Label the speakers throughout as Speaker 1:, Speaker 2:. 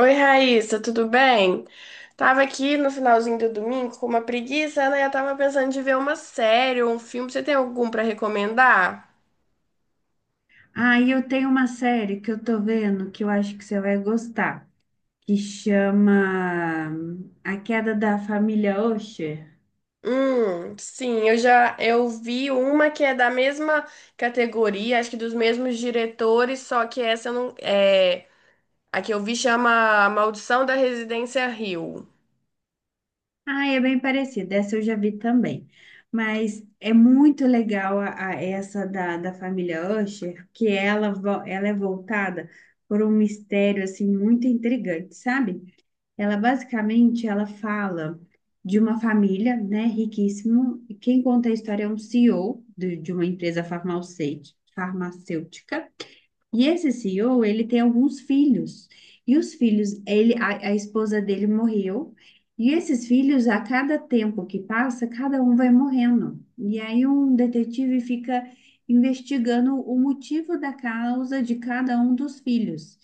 Speaker 1: Oi, Raíssa, tudo bem? Tava aqui no finalzinho do domingo com uma preguiça, né? Eu tava pensando de ver uma série ou um filme. Você tem algum pra recomendar?
Speaker 2: Aí eu tenho uma série que eu tô vendo que eu acho que você vai gostar, que chama A Queda da Família Usher.
Speaker 1: Sim, eu já eu vi uma que é da mesma categoria, acho que dos mesmos diretores, só que essa eu não é, a que eu vi chama A Maldição da Residência Hill.
Speaker 2: Ah, é bem parecida, essa eu já vi também. Mas é muito legal essa da família Usher, que ela é voltada por um mistério assim muito intrigante, sabe? Ela basicamente ela fala de uma família, né, riquíssima. E Quem conta a história é um CEO de uma empresa farmacêutica, e esse CEO, ele tem alguns filhos. E os filhos, a esposa dele morreu. E esses filhos, a cada tempo que passa, cada um vai morrendo. E aí um detetive fica investigando o motivo da causa de cada um dos filhos.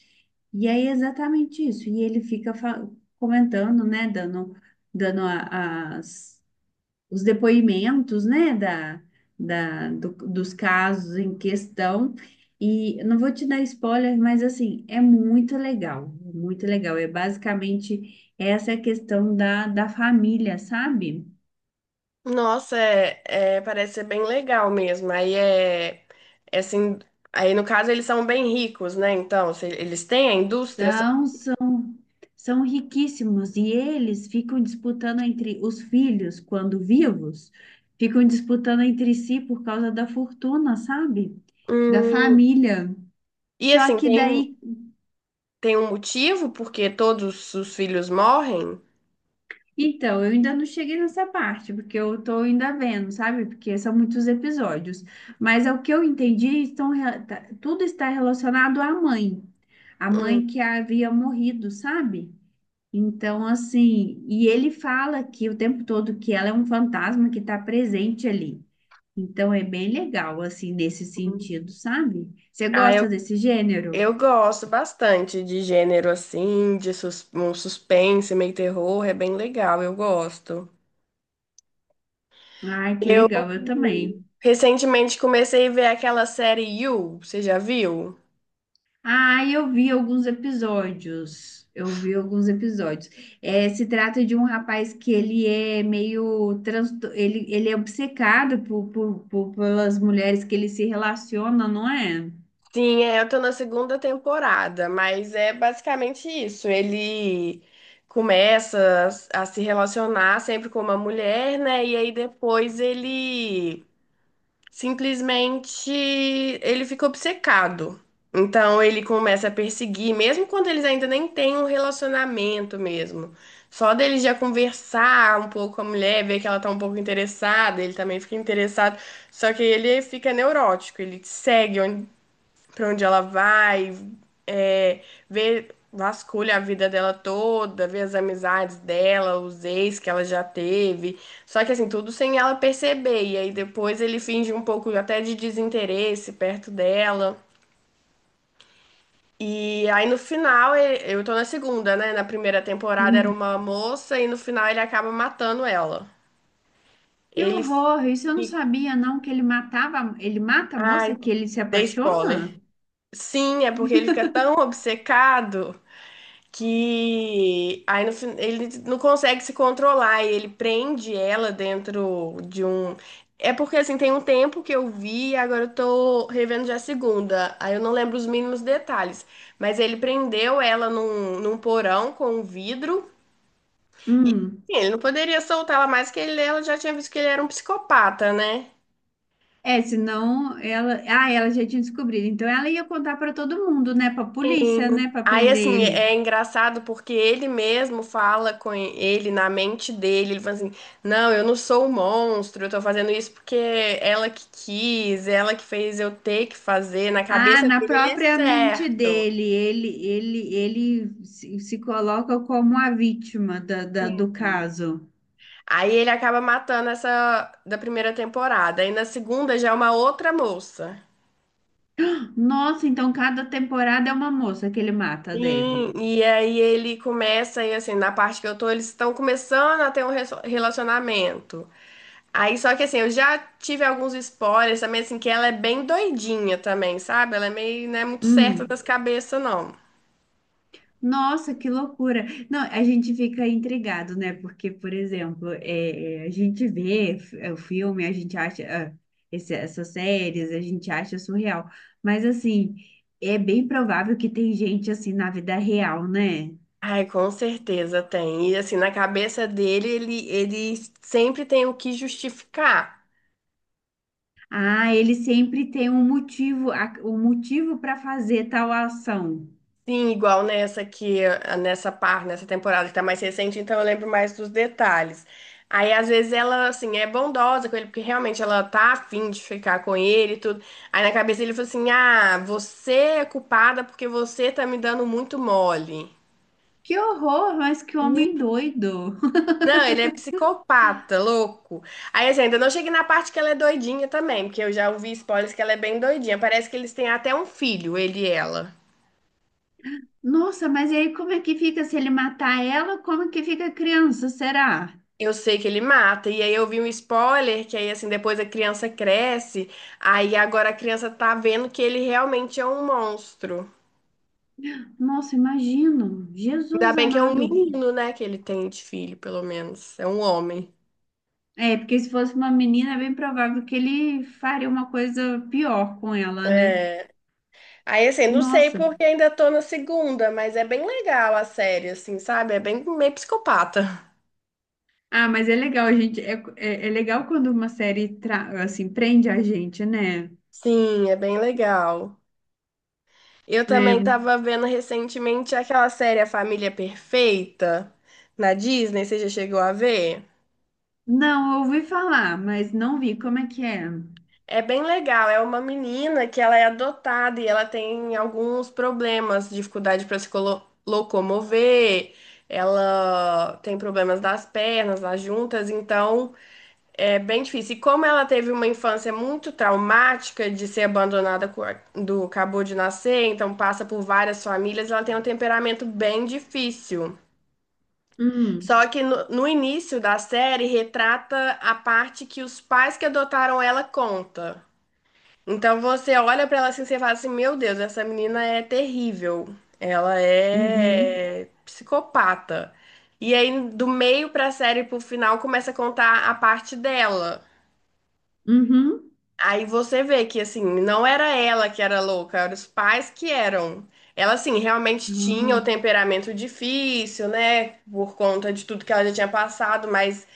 Speaker 2: E aí é exatamente isso. E ele comentando, né, dando, dando a- as os depoimentos, né, dos casos em questão. E eu não vou te dar spoiler, mas assim, é muito legal, muito legal. É basicamente essa é a questão da família, sabe?
Speaker 1: Nossa, parece ser bem legal mesmo. Aí é, é assim, aí no caso eles são bem ricos, né? Então, se eles têm a indústria. São-
Speaker 2: São, são, São riquíssimos e eles ficam disputando entre os filhos, quando vivos, ficam disputando entre si por causa da fortuna, sabe? Da
Speaker 1: Hum,
Speaker 2: família.
Speaker 1: e
Speaker 2: Só
Speaker 1: assim,
Speaker 2: que daí,
Speaker 1: tem um motivo porque todos os filhos morrem?
Speaker 2: então, eu ainda não cheguei nessa parte, porque eu tô ainda vendo, sabe? Porque são muitos episódios. Mas é o que eu entendi, tudo está relacionado à mãe. A
Speaker 1: Hum.
Speaker 2: mãe que havia morrido, sabe? Então, assim, e ele fala que o tempo todo que ela é um fantasma que está presente ali. Então, é bem legal, assim, nesse
Speaker 1: hum.
Speaker 2: sentido, sabe? Você
Speaker 1: Ah,
Speaker 2: gosta desse gênero?
Speaker 1: eu gosto bastante de gênero assim, um suspense, meio terror, é bem legal, eu gosto.
Speaker 2: Ai, que
Speaker 1: Eu
Speaker 2: legal, eu também.
Speaker 1: recentemente comecei a ver aquela série You, você já viu?
Speaker 2: Ah, eu vi alguns episódios. Eu vi alguns episódios. É, se trata de um rapaz que ele é meio trans... ele é obcecado pelas mulheres que ele se relaciona, não é?
Speaker 1: Sim, é, eu tô na segunda temporada, mas é basicamente isso. Ele começa a se relacionar sempre com uma mulher, né? E aí depois ele simplesmente ele fica obcecado. Então ele começa a perseguir, mesmo quando eles ainda nem têm um relacionamento mesmo. Só dele já conversar um pouco com a mulher, ver que ela tá um pouco interessada, ele também fica interessado. Só que ele fica neurótico, ele segue para onde ela vai, é, ver, vasculha a vida dela toda, ver as amizades dela, os ex que ela já teve. Só que assim, tudo sem ela perceber. E aí depois ele finge um pouco até de desinteresse perto dela. E aí no final, ele- eu tô na segunda, né? Na primeira temporada era
Speaker 2: Hum.
Speaker 1: uma moça e no final ele acaba matando ela.
Speaker 2: Que
Speaker 1: Ele
Speaker 2: horror! Isso eu não
Speaker 1: fica.
Speaker 2: sabia, não, que ele matava, ele mata a
Speaker 1: Ai,
Speaker 2: moça que ele se
Speaker 1: dei spoiler.
Speaker 2: apaixona?
Speaker 1: Sim, é porque ele fica tão obcecado que aí no, fin- ele não consegue se controlar e ele prende ela dentro de um. É porque assim, tem um tempo que eu vi, e agora eu tô revendo já a segunda. Aí eu não lembro os mínimos detalhes. Mas ele prendeu ela num porão com um vidro. E
Speaker 2: Hum.
Speaker 1: assim, ele não poderia soltá-la mais, que ele, ela já tinha visto que ele era um psicopata, né?
Speaker 2: É, senão ela, ah, ela já tinha descobrido. Então ela ia contar para todo mundo, né? Para polícia, né?
Speaker 1: Sim.
Speaker 2: Para
Speaker 1: Aí,
Speaker 2: prender
Speaker 1: assim,
Speaker 2: ele.
Speaker 1: é engraçado porque ele mesmo fala com ele na mente dele. Ele fala assim: "Não, eu não sou um monstro, eu tô fazendo isso porque é ela que quis, é ela que fez eu ter que fazer. Na
Speaker 2: Ah,
Speaker 1: cabeça
Speaker 2: na
Speaker 1: dele é
Speaker 2: própria mente
Speaker 1: certo."
Speaker 2: dele, ele se coloca como a vítima
Speaker 1: Sim.
Speaker 2: do caso.
Speaker 1: Aí ele acaba matando essa da primeira temporada. Aí na segunda já é uma outra moça.
Speaker 2: Nossa, então cada temporada é uma moça que ele mata,
Speaker 1: Sim,
Speaker 2: deve.
Speaker 1: e aí ele começa, e assim, na parte que eu tô, eles estão começando a ter um relacionamento. Aí, só que assim, eu já tive alguns spoilers também, assim, que ela é bem doidinha também, sabe? Ela é meio, não é muito certa
Speaker 2: Hum.
Speaker 1: das cabeças, não.
Speaker 2: Nossa, que loucura. Não, a gente fica intrigado, né? Porque, por exemplo, a gente vê o filme, a gente acha ah, essas séries, a gente acha surreal. Mas, assim, é bem provável que tem gente assim na vida real, né?
Speaker 1: Ai, com certeza tem. E assim, na cabeça dele, ele sempre tem o que justificar.
Speaker 2: Ah, ele sempre tem um motivo, um motivo para fazer tal ação.
Speaker 1: Sim, igual nessa que ah, nessa parte, nessa temporada que tá mais recente, então eu lembro mais dos detalhes. Aí às vezes ela assim é bondosa com ele porque realmente ela tá afim de ficar com ele e tudo. Aí na cabeça ele falou assim: "Ah, você é culpada porque você tá me dando muito mole".
Speaker 2: Que horror, mas que homem doido.
Speaker 1: Não, ele é psicopata, louco. Aí assim, ainda não cheguei na parte que ela é doidinha também, porque eu já ouvi spoilers que ela é bem doidinha. Parece que eles têm até um filho, ele e ela.
Speaker 2: Nossa, mas e aí como é que fica se ele matar ela? Como que fica a criança, será?
Speaker 1: Eu sei que ele mata, e aí eu vi um spoiler que aí assim depois a criança cresce, aí agora a criança tá vendo que ele realmente é um monstro.
Speaker 2: Nossa, imagino.
Speaker 1: Ainda
Speaker 2: Jesus
Speaker 1: bem que é um
Speaker 2: amado.
Speaker 1: menino, né, que ele tem de filho, pelo menos, é um homem.
Speaker 2: É, porque se fosse uma menina, é bem provável que ele faria uma coisa pior com ela, né?
Speaker 1: É. Aí assim, não sei
Speaker 2: Nossa.
Speaker 1: porque ainda tô na segunda, mas é bem legal a série, assim, sabe? É bem meio psicopata.
Speaker 2: Ah, mas é legal, gente. É legal quando uma série assim prende a gente, né?
Speaker 1: Sim, é bem legal. Eu também
Speaker 2: É.
Speaker 1: tava vendo recentemente aquela série A Família Perfeita na Disney, você já chegou a ver?
Speaker 2: Não, eu ouvi falar, mas não vi. Como é que é?
Speaker 1: É bem legal. É uma menina que ela é adotada e ela tem alguns problemas, dificuldade para se colo- locomover. Ela tem problemas das pernas, das juntas, então é bem difícil. E como ela teve uma infância muito traumática de ser abandonada quando acabou de nascer, então passa por várias famílias, ela tem um temperamento bem difícil.
Speaker 2: Hum,
Speaker 1: Só que no início da série retrata a parte que os pais que adotaram ela conta. Então você olha pra ela assim, você fala assim, meu Deus, essa menina é terrível. Ela
Speaker 2: uhum,
Speaker 1: é psicopata. E aí do meio pra série pro final começa a contar a parte dela.
Speaker 2: uhum.
Speaker 1: Aí você vê que, assim, não era ela que era louca, eram os pais que eram. Ela, assim, realmente tinha
Speaker 2: Ah,
Speaker 1: o temperamento difícil, né? Por conta de tudo que ela já tinha passado, mas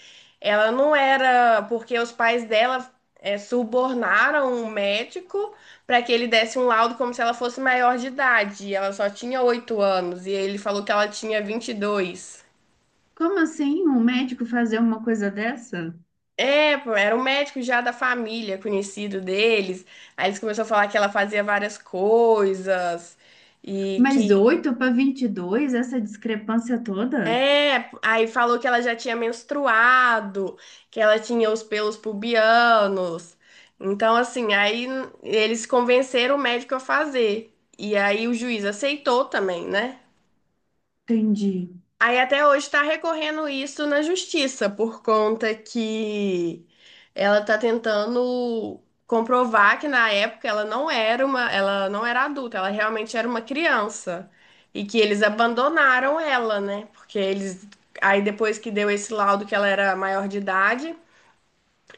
Speaker 1: ela não era. Porque os pais dela subornaram um médico para que ele desse um laudo como se ela fosse maior de idade. E ela só tinha 8 anos, e ele falou que ela tinha 22.
Speaker 2: como assim um médico fazer uma coisa dessa?
Speaker 1: É, pô, era um médico já da família, conhecido deles. Aí eles começaram a falar que ela fazia várias coisas e
Speaker 2: Mas
Speaker 1: que
Speaker 2: 8 para 22, essa discrepância toda?
Speaker 1: aí falou que ela já tinha menstruado, que ela tinha os pelos pubianos. Então, assim, aí eles convenceram o médico a fazer. E aí o juiz aceitou também, né?
Speaker 2: Entendi.
Speaker 1: Aí até hoje está recorrendo isso na justiça, por conta que ela está tentando comprovar que na época ela não era uma, ela não era adulta, ela realmente era uma criança e que eles abandonaram ela, né? Porque eles aí depois que deu esse laudo que ela era maior de idade,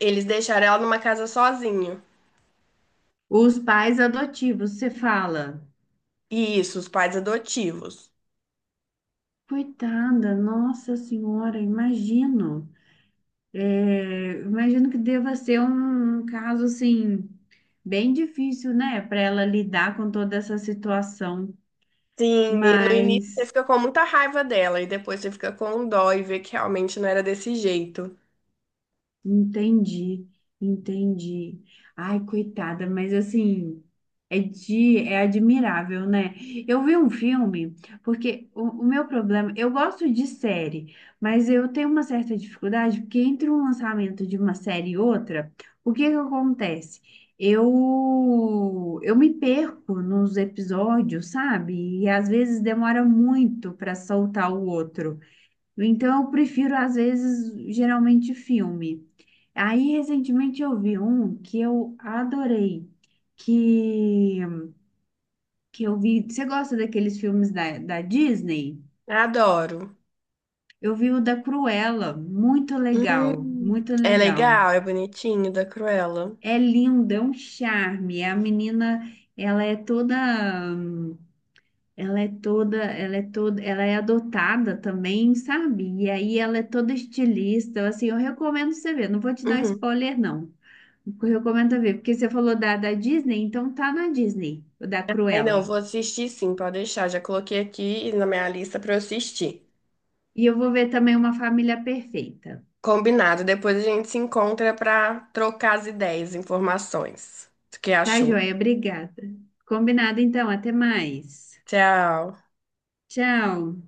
Speaker 1: eles deixaram ela numa casa sozinho.
Speaker 2: Os pais adotivos, você fala.
Speaker 1: E isso, os pais adotivos.
Speaker 2: Coitada, nossa senhora, imagino. É, imagino que deva ser um caso assim, bem difícil, né, para ela lidar com toda essa situação.
Speaker 1: Sim, e no início você
Speaker 2: Mas.
Speaker 1: fica com muita raiva dela e depois você fica com dó e vê que realmente não era desse jeito.
Speaker 2: Entendi, entendi. Ai, coitada, mas assim, é admirável, né? Eu vi um filme, porque o meu problema, eu gosto de série, mas eu tenho uma certa dificuldade, porque entre um lançamento de uma série e outra, o que que acontece? Eu me perco nos episódios, sabe? E às vezes demora muito para soltar o outro. Então, eu prefiro, às vezes, geralmente filme. Aí, recentemente, eu vi um que eu adorei, que, que eu vi... Você gosta daqueles filmes da Disney?
Speaker 1: Adoro.
Speaker 2: Eu vi o da Cruella, muito legal,
Speaker 1: Hum,
Speaker 2: muito
Speaker 1: É
Speaker 2: legal.
Speaker 1: legal, é bonitinho, da Cruella.
Speaker 2: É lindo, é um charme. A menina, ela é toda... hum, Ela é toda... Ela é toda... Ela é adotada também, sabe? E aí, ela é toda estilista. Assim, eu recomendo você ver. Não vou te dar
Speaker 1: Uhum.
Speaker 2: spoiler, não. Recomendo ver, porque você falou da Disney, então tá na Disney, o da
Speaker 1: Aí não,
Speaker 2: Cruella.
Speaker 1: vou assistir sim, pode deixar. Já coloquei aqui na minha lista pra eu assistir.
Speaker 2: E eu vou ver também Uma Família Perfeita.
Speaker 1: Combinado. Depois a gente se encontra pra trocar as ideias, informações. O que
Speaker 2: Tá,
Speaker 1: achou?
Speaker 2: joia? Obrigada. Combinado então, até mais.
Speaker 1: Tchau.
Speaker 2: Tchau.